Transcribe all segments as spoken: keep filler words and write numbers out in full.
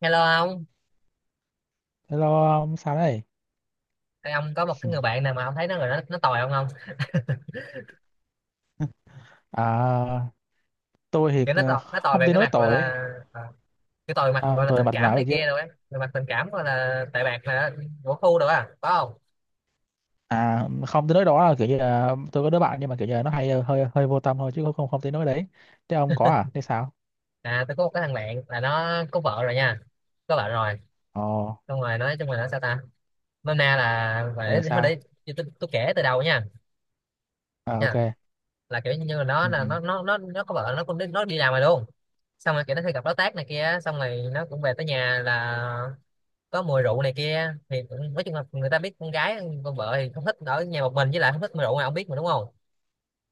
Hello ông. Hello ông sao đây? Ê, ông có một Ừ. cái người bạn nào mà ông thấy nó rồi nó nó tồi không không? À, tôi thì Kiểu nó ờ, tồi, nó tồi không về tới cái nói mặt gọi tội ấy. là à, cái tồi mặt À, gọi là tôi tình bạch cảm não được này kia chứ. rồi á, về mặt tình cảm gọi là tệ bạc là của khu rồi á, có không? À, không tới nói đó là kiểu như là tôi có đứa bạn nhưng mà kiểu như là nó hay ờ, hơi hơi vô tâm thôi chứ không không, không tới nói đấy. Thế ông có à? Thế sao? À, tôi có một cái thằng bạn là nó có vợ rồi nha, có vợ rồi, Ồ, xong rồi nói chung là nó sao ta? Nôm na là ừ để thôi sao? để tôi, tôi, tôi kể từ đầu nha, À, nha, ok. là kiểu như là nó Ừ. là nó nó nó nó có vợ, nó cũng đi, nó đi làm rồi luôn, xong rồi kiểu nó hay gặp đối tác này kia, xong rồi nó cũng về tới nhà là có mùi rượu này kia thì cũng- nói chung là người ta biết, con gái con vợ thì không thích ở nhà một mình, với lại không thích mùi rượu này, ông biết mà đúng không,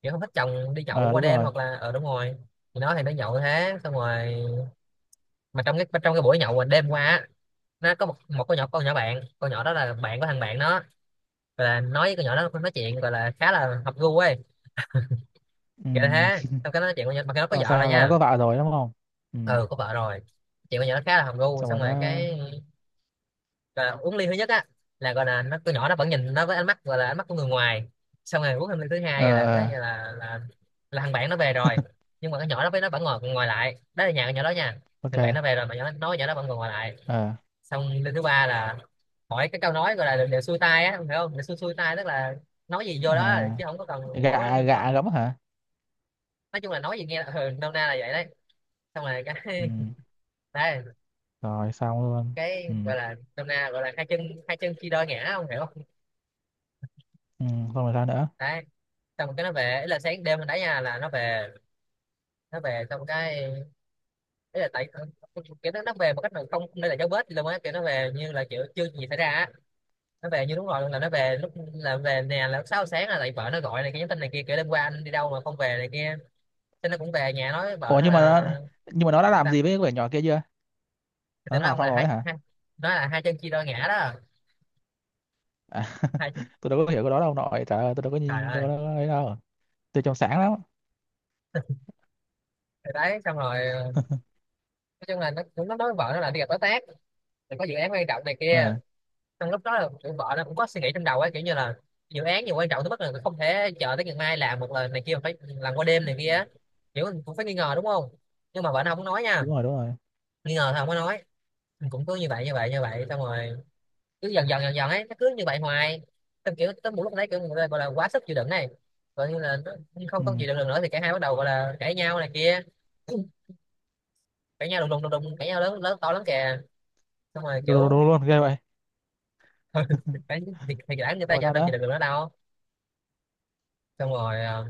kiểu không thích chồng đi nhậu Ờ qua đúng đêm rồi. hoặc là ở, đúng rồi. Thì nó thì nó nhậu thế, xong rồi mà trong cái trong cái buổi nhậu mà đêm qua á, nó có một một con nhỏ con nhỏ bạn, con nhỏ đó là bạn của thằng bạn nó, gọi là nói với con nhỏ đó, nói chuyện gọi là khá là hợp gu ấy, Ừ. kiểu thế. Xong cái nó nói chuyện con nhỏ mà cái nó có Rồi vợ rồi sao là nó nha. có vợ rồi đúng không? Ừ. Ừ, có vợ rồi, chuyện con nhỏ nó khá là hợp gu, Xong xong rồi rồi nó cái gọi là uống ly thứ nhất á, là gọi là nó, con nhỏ nó vẫn nhìn nó với ánh mắt gọi là ánh mắt của người ngoài. Xong rồi uống thêm ly thứ ờ hai là cái ờ, là là, là là thằng bạn nó về rồi, nhưng mà cái nhỏ đó với nó vẫn ngồi ngồi lại, đó là nhà con nhỏ đó nha. Thằng bạn nó ok. về rồi mà nhỏ nói nhỏ đó vẫn còn ngồi lại. Ờ, Xong ly thứ ba là hỏi cái câu nói gọi là đều, đều xuôi tai á, không hiểu không, đều xuôi xuôi tai, tức là nói gì vô đó à, chứ không có cần, không có gạ lọc, gạ lắm hả? nói chung là nói gì nghe là ừ, nôm na là vậy đấy. Xong rồi Ừ. cái đấy, Rồi xong luôn. cái Ừ. gọi là nôm na gọi là hai chân hai chân chia đôi ngã, không hiểu không. Ừ, xong rồi sao nữa? Đấy, xong cái nó về, ý là sáng đêm mình đá nha, là nó về. Nó về xong cái, ý là tại kiểu nó nó về một cách mà không không để lại dấu vết gì luôn á, kiểu nó về như là kiểu chưa gì xảy ra á, nó về như đúng rồi luôn, là nó về lúc là về nè, là lúc sáu giờ sáng là lại vợ nó gọi này kia, nhắn tin này kia, kiểu đêm qua anh đi đâu mà không về này kia. Thế nó cũng về nhà nói với vợ Ủa, nó nhưng mà là nó nhưng mà nó đã làm gì với sao? cái quyển nhỏ kia chưa? Thì Nó nó làm ông xong là rồi hai, ấy hả? hai nói là hai chân chia đôi ngã đó. À, Hai, tôi đâu có hiểu cái đó đâu nội. Trời ơi, tôi đâu có trời nhìn đâu ơi. có ấy đâu. Tôi trong sáng lắm. Thì đấy, xong rồi nói chung là nó cũng nó nói với vợ nó là đi gặp đối tác, thì có dự án quan trọng này kia. Ờ, Trong lúc đó là kiểu vợ nó cũng có suy nghĩ trong đầu ấy, kiểu như là dự án nhiều quan trọng tới mức là không thể chờ tới ngày mai làm một lần này kia mà phải làm qua đêm này kia á. Kiểu mình cũng phải nghi ngờ đúng không, nhưng mà vợ nó không có nói nha. đúng rồi, đúng rồi. Nghi ngờ thì không có nói, mình cũng cứ như vậy như vậy như vậy, xong rồi cứ dần dần dần dần ấy, nó cứ như vậy hoài. Xong kiểu tới một lúc đấy kiểu người ta gọi là quá sức chịu đựng này, gọi như là nó Ừ. không có chịu đựng được nữa, thì cả hai bắt đầu gọi là cãi nhau này kia. Cãi nhau đùng đùng đùng đùng cãi nhau lớn lớn to lắm kìa. Xong rồi Đúng, đúng, kiểu đúng luôn, ghê vậy. thì, thì, thì đã người Xong ta rồi sao đâu chịu nữa? đựng được nữa đâu. Xong rồi ờ,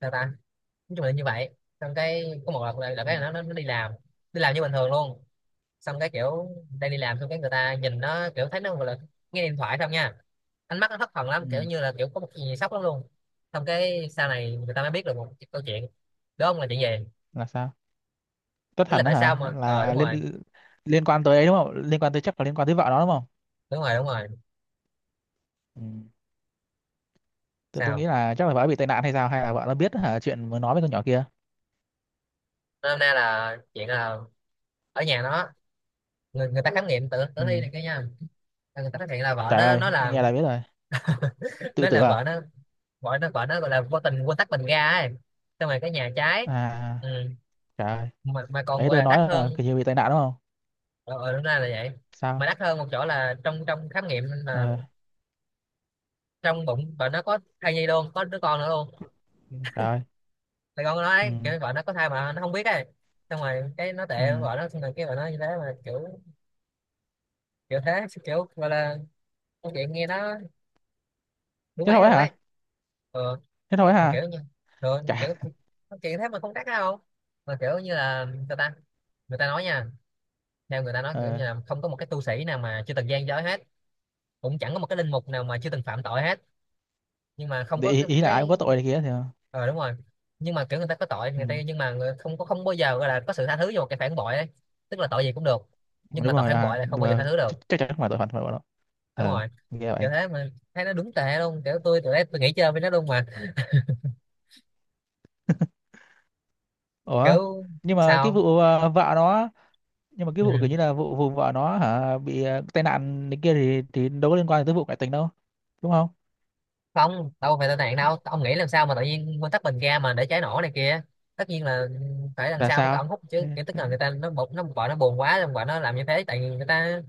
sao ta, nói chung là như vậy. Xong cái có một lần là, Ừ. cái là nó, nó nó đi làm, đi làm như bình thường luôn. Xong cái kiểu đang đi làm, xong cái người ta nhìn nó kiểu thấy nó gọi là nghe điện thoại không nha, ánh mắt nó thất thần lắm, kiểu Ừ. như là kiểu có một cái gì sốc lắm luôn. Xong cái sau này người ta mới biết được một cái câu chuyện, đúng không, là chuyện gì. Là sao? Tất Ý là thành đó tại sao hả? mà ờ, đúng Là rồi, liên liên quan tới ấy đúng không? Liên quan tới chắc là liên quan tới vợ nó đúng không? đúng rồi, đúng rồi. Ừ. Tôi tôi nghĩ Sao, là chắc là vợ bị tai nạn hay sao, hay là vợ nó biết hả chuyện mới nói với con nhỏ kia. hôm nay là chuyện là ở nhà nó, người, người ta khám nghiệm tử Ừ. tử thi này kia nha. Người ta phát hiện là vợ Trời nó ơi, nó là nghe là biết rồi. Tự nó tử là à? vợ nó gọi nó gọi nó gọi là vô tình quên tắt bình ga ấy, xong rồi cái nhà trái, À, ừ. trời ơi. mà, mà còn Đấy gọi tôi là nói đắt là hơn. kiểu như bị tai nạn đúng không? Ờ ờ, đúng ra là vậy, mà Sao? đắt hơn một chỗ là trong trong khám nghiệm là Ờ trong bụng vợ nó có thai nhi luôn, có đứa con nữa luôn. rồi. Thì con nó Ừ. nói kiểu vợ nó có thai mà nó không biết ấy. Xong rồi cái nó Ừ, tệ vợ nó, xong rồi cái vợ nó như thế mà kiểu, kiểu thế, kiểu gọi là câu chuyện nghe nó đúng thế ấy thôi luôn ấy. hả? Ừ, Thế thôi mà hả? kiểu như, rồi mà Chả. kiểu câu chuyện thế mà không đắt đâu. Mà kiểu như là người ta, người ta nói nha, theo người ta nói kiểu ờ như là không có một cái tu sĩ nào mà chưa từng gian dối hết, cũng chẳng có một cái linh mục nào mà chưa từng phạm tội hết. Nhưng mà không để có ý, cái, ý là ai cũng cái... có tội này kia thì Ờ đúng rồi, nhưng mà kiểu người ta có tội ừ. người ta, nhưng mà người- không có, không bao giờ gọi là có sự tha thứ cho một cái phản bội ấy. Tức là tội gì cũng được, nhưng mà đúng tội rồi. phản À, bội là không nhưng bao giờ mà tha thứ được. ch- chắc chắn không phải tội phạm phải bọn nó. Đúng Ờ, rồi, nghe vậy. kiểu thế mà thấy nó đúng tệ luôn, kiểu tôi tụi đấy tôi nghĩ chơi với nó luôn mà. Ủa, Kiểu nhưng mà cái sao, vụ ờ, vợ nó nhưng mà cái vụ kiểu ừ, như là vụ vụ vợ nó hả bị ờ, tai nạn này kia thì thì đâu có liên quan tới vụ ngoại tình đâu đúng không? không, đâu phải tai nạn đâu. Ông nghĩ làm sao mà tự nhiên nguyên tắc bình ga mà để cháy nổ này kia, tất nhiên là phải làm Là sao, phải sao? ông hút chứ, Thế- kiểu tức là người ta nó bực, nó vợ nó buồn quá rồi vợ nó làm như thế, tại vì người ta,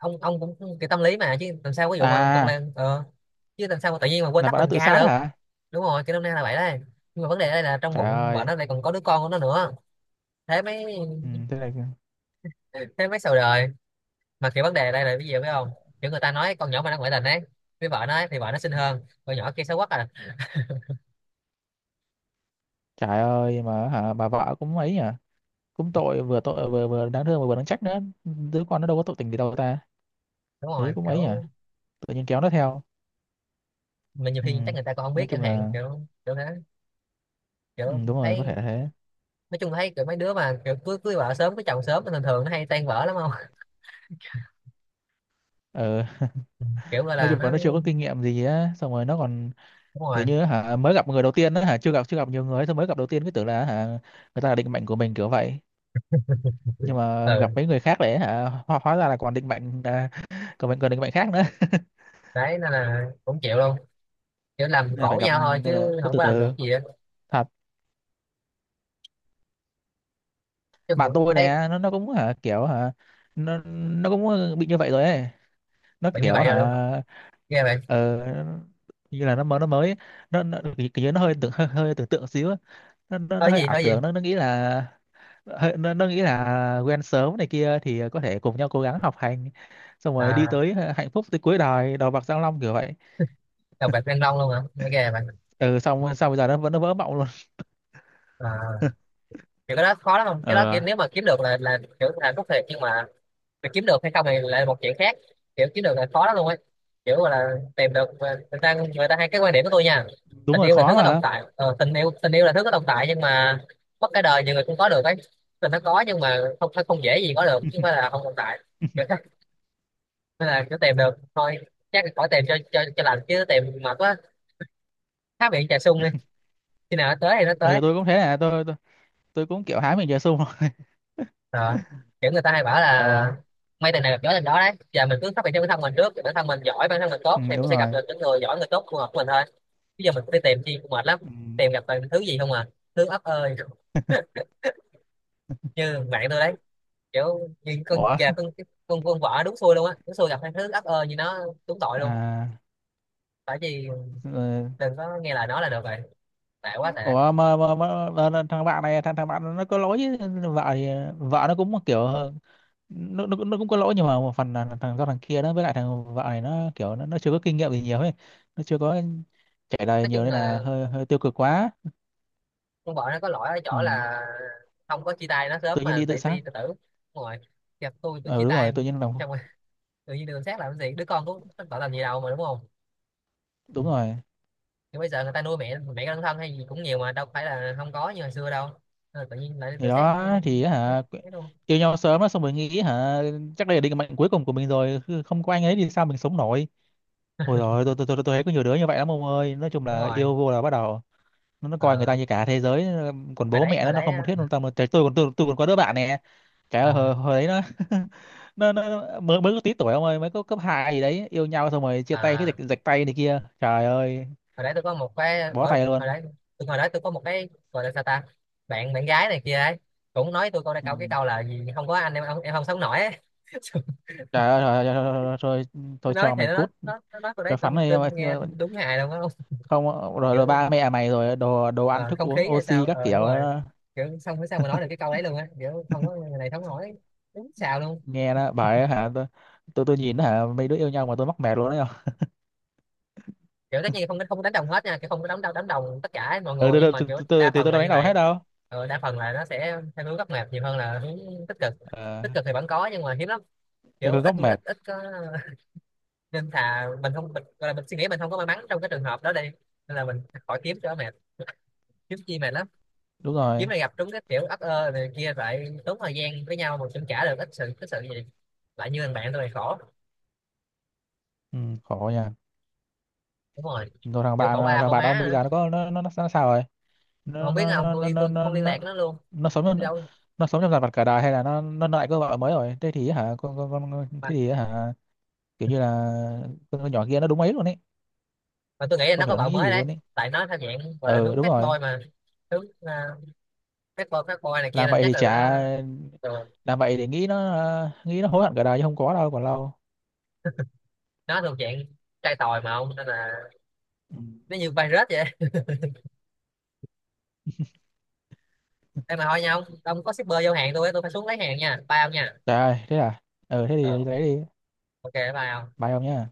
ông ông cũng cái tâm lý mà, chứ làm sao, ví dụ mà con À, Lan ờ, chứ làm sao mà tự nhiên mà quên là tắt bạn nó bình tự ga sát được. hả? Đúng rồi, cái năm nay là vậy đấy, nhưng mà vấn đề đây là trong Trời bụng vợ ơi. nó lại còn có đứa con của nó nữa. Thế mới, Ừ, thế này. thế mới sầu đời. Mà kiểu vấn đề đây là cái gì biết không, kiểu người ta nói con nhỏ mà nó ngoại tình ấy với vợ nó ấy, thì vợ nó xinh hơn con nhỏ kia, xấu quá à. Trời ơi, mà hả bà vợ cũng ấy nhỉ. Cũng tội, vừa tội vừa vừa đáng thương mà vừa đáng trách nữa. Đứa con nó đâu có tội tình gì đâu ta. Đúng Thấy rồi, cũng ấy nhỉ. kiểu Tự nhiên kéo nó theo. mà nhiều Ừ. khi chắc người ta còn không Nói biết chẳng chung hạn, là kiểu kiểu thế, ừ, kiểu đúng rồi, có thể thấy, là thế. nói chung là thấy kiểu mấy đứa mà kiểu cưới cưới vợ sớm, cưới chồng sớm thì thường thường nó hay tan vỡ lắm không. Ừ. Kiểu gọi Nói là chung nó là nó chưa có kinh nghiệm gì á, xong rồi nó còn đúng kiểu rồi, như hả mới gặp người đầu tiên đó hả chưa gặp chưa gặp nhiều người, xong mới gặp đầu tiên cứ tưởng là hả người ta là định mệnh của mình kiểu vậy. Nhưng mà gặp ừ, mấy người khác để hả hóa, hóa ra là còn định mệnh à, còn mình còn định mệnh khác nữa. đấy nên là cũng chịu luôn, kiểu làm Nên là phải khổ gặp, nhau thôi nên là chứ cứ không từ có làm được từ. gì á. Thật. Chứ Bạn cũng tôi thấy nè, nó nó cũng hả kiểu hả nó nó cũng bị như vậy rồi ấy. Nó bạn như kiểu vậy hả rồi đúng không, ghê bạn. ờ, như là nó mới nó mới nó, nó kiểu như nó hơi tưởng hơi, hơi tưởng tượng xíu á. nó, nó, nó nói hơi gì ảo nói gì tưởng, nó nó nghĩ là hơi, nó, nó nghĩ là quen sớm này kia thì có thể cùng nhau cố gắng học hành, xong rồi đi à, tới hạnh phúc tới cuối đời, đầu bạc răng long kiểu vậy. đọc bạch Đăng Long luôn hả, nghe ghê bạn. Ừ, xong xong bây giờ nó vẫn nó vỡ mộng luôn. À, kiểu cái đó khó lắm không, cái đó kiểu Ờ nếu mà kiếm được là là kiểu là rút thiệt, nhưng mà mà kiếm được hay không thì lại là một chuyện khác. Kiểu kiếm được là khó lắm luôn ấy, kiểu gọi là tìm được. Người ta người ta hay cái quan điểm của tôi nha, đúng tình rồi, yêu là thứ khó có tồn mà. tại, ờ, tình yêu tình yêu là thứ có tồn tại nhưng mà mất cả đời nhiều người cũng có được ấy. Tình nó có nhưng mà không không dễ gì có được, chứ không phải là không tồn tại, kiểu thế. Nên là cứ tìm được thôi, chắc là khỏi tìm cho cho cho lành, chứ tìm mệt quá. Há miệng trà sung đi, khi nào nó tới thì nó Ừ, tới. tôi cũng thế à, tôi tôi, tôi cũng kiểu hái mình về sung. Ờ, kiểu người ta hay bảo Ờ, là may tình này gặp gió tình đó, đấy giờ mình cứ phát triển cho bản thân mình trước, bản thân mình giỏi, bản thân mình tốt ừ, thì mình đúng sẽ gặp rồi. được những người giỏi người tốt phù hợp với mình thôi. Bây giờ mình cũng đi tìm chi cũng mệt lắm, Ừ. tìm gặp toàn thứ gì không à, thứ ấp ơi. Như bạn tôi đấy, kiểu như con Ủa, già con con con vợ đúng xui luôn á, đúng xui gặp thằng thứ ấp ơi như nó, đúng tội luôn. à. Tại vì đừng có nghe lời nó là được rồi, tệ quá tệ. Ủa, mà, mà, mà, mà là thằng bạn này, thằng thằng bạn nó có lỗi chứ. Vợ thì vợ nó cũng kiểu nó, nó, cũng- nó cũng có lỗi nhưng mà một phần là thằng do thằng kia đó, với lại thằng vợ này nó kiểu nó, nó chưa có kinh nghiệm gì nhiều ấy, nó chưa có trải đời Nói chung nhiều nên là là hơi hơi tiêu cực quá. con vợ nó có lỗi ở Ừ. chỗ là không có chia tay nó sớm Tự nhiên mà đi tự để sát. đi tự tử. Đúng rồi, gặp tôi tôi chia Ừ đúng tay rồi, tự em. nhiên làm. Xong rồi tự nhiên đường sát làm cái gì, đứa con cũng tội làm gì đâu mà đúng không. Ừ, Đúng rồi. nhưng bây giờ người ta nuôi mẹ mẹ đơn thân hay gì cũng nhiều mà, đâu phải là không có như hồi xưa đâu. Nên là tự nhiên lại Thì tự xét. đó thì Đúng, hả thế luôn, yêu nhau sớm á, xong rồi nghĩ hả chắc đây là định mệnh cuối cùng của mình rồi, cứ không có anh ấy thì sao mình sống nổi. Ôi rồi, tôi tôi tôi tôi thấy có nhiều đứa như vậy lắm ông ơi, nói chung đúng là rồi. yêu vô là bắt đầu nó coi người ta ờ, như cả thế giới, ờ, còn Hồi bố đấy mẹ nó hồi nó đấy không á, thiết luôn. Tâm tôi còn tôi, tôi còn có đứa bạn nè. Cái hồi, ờ, hồi đấy nó nó, nó nó- mới mới có tí tuổi ông ơi, mới có cấp hai gì đấy yêu nhau xong rồi chia tay cái à, dịch dịch tay này kia, trời ơi. hồi đấy tôi có một cái ở Bó hồi tay luôn. đấy, tôi hồi đấy tôi có một cái gọi là sao ta, bạn bạn gái này kia ấy, cũng nói tôi câu này, Ừ. câu cái câu là gì, không có anh em không- em không sống nổi ấy. Trời ơi, rồi, rồi, rồi, rồi, Tôi tôi nói cho thì mày nó nó cút, nó nó nói tôi đấy, cho tôi, phắn mày. tôi nghe đúng hài luôn á. Không. Rồi, rồi Kiểu ba mẹ mày, rồi đồ đồ ăn ờ, thức không uống khí hay oxy sao, các ờ kiểu đúng rồi, đó. kiểu xong bữa sau mà nói được cái câu đấy luôn á, kiểu không có người này sống nổi, đúng xào luôn. Nghe nó bảo ấy, hả tôi tôi tôi nhìn nó, hả mấy đứa yêu nhau mà tôi mắc mệt luôn đấy không. Kiểu tất nhiên không không đánh đồng hết nha, kiểu không có đánh đồng đánh đồng tất cả mọi Ừ, người, tôi nhưng tôi mà kiểu tôi tôi đa tôi phần tôi là đâu đánh như đầu vậy. hết đâu. Ừ, đa phần là nó sẽ theo hướng góc mệt nhiều hơn là hướng tích cực. Ờ. Tích cực thì vẫn có nhưng mà hiếm lắm, Địa kiểu phương ít gốc ít mệt. ít có. Nên thà mình không mình, gọi là mình suy nghĩ mình không có may mắn trong cái trường hợp đó đi, nên là mình khỏi kiếm cho mệt, kiếm chi mệt lắm. Đúng rồi. Kiếm này gặp trúng cái kiểu ấp ơ này kia lại tốn thời gian với nhau mà cũng trả được ít sự cái sự gì, lại như thằng bạn tôi này khổ. Ừ, khổ nha. Đúng rồi, Rồi thằng kiểu bạn khổ à, ba thằng khổ bạn ông má bây nữa. giờ nó có nó nó, nó nó sao rồi? Mà nó không biết nó không, nó nó tôi nó tôi nó, không liên nó, lạc với nó luôn, nó sống đi nó, đâu mà. nó sống trong dằn vặt cả đời hay là nó nó, nó lại có vợ mới rồi, thế thì hả con con con con- thế thì hả kiểu như là con nhỏ kia nó đúng ấy luôn ấy. Và tôi nghĩ là nó Không có hiểu nó vợ nghĩ mới gì đấy, luôn ấy. tại nó theo dạng gọi là Ừ, hướng đúng bad boy rồi. mà, hướng uh, bad boy bad boy này kia Làm nên vậy chắc thì là chả nó thường. làm vậy để nghĩ nó ờ, nghĩ nó hối hận cả đời chứ không có đâu, còn lâu. Nó thuộc dạng trai tòi mà ông, nên là Ừ. nó như virus vậy. Em mà thôi nha ông ông có shipper vô hàng tôi á, tôi phải xuống lấy hàng nha, bye ông nha. Trời ơi thế à. Ừ thế Ừ, thì lấy đi. ok bye ông. Bye ông nhá.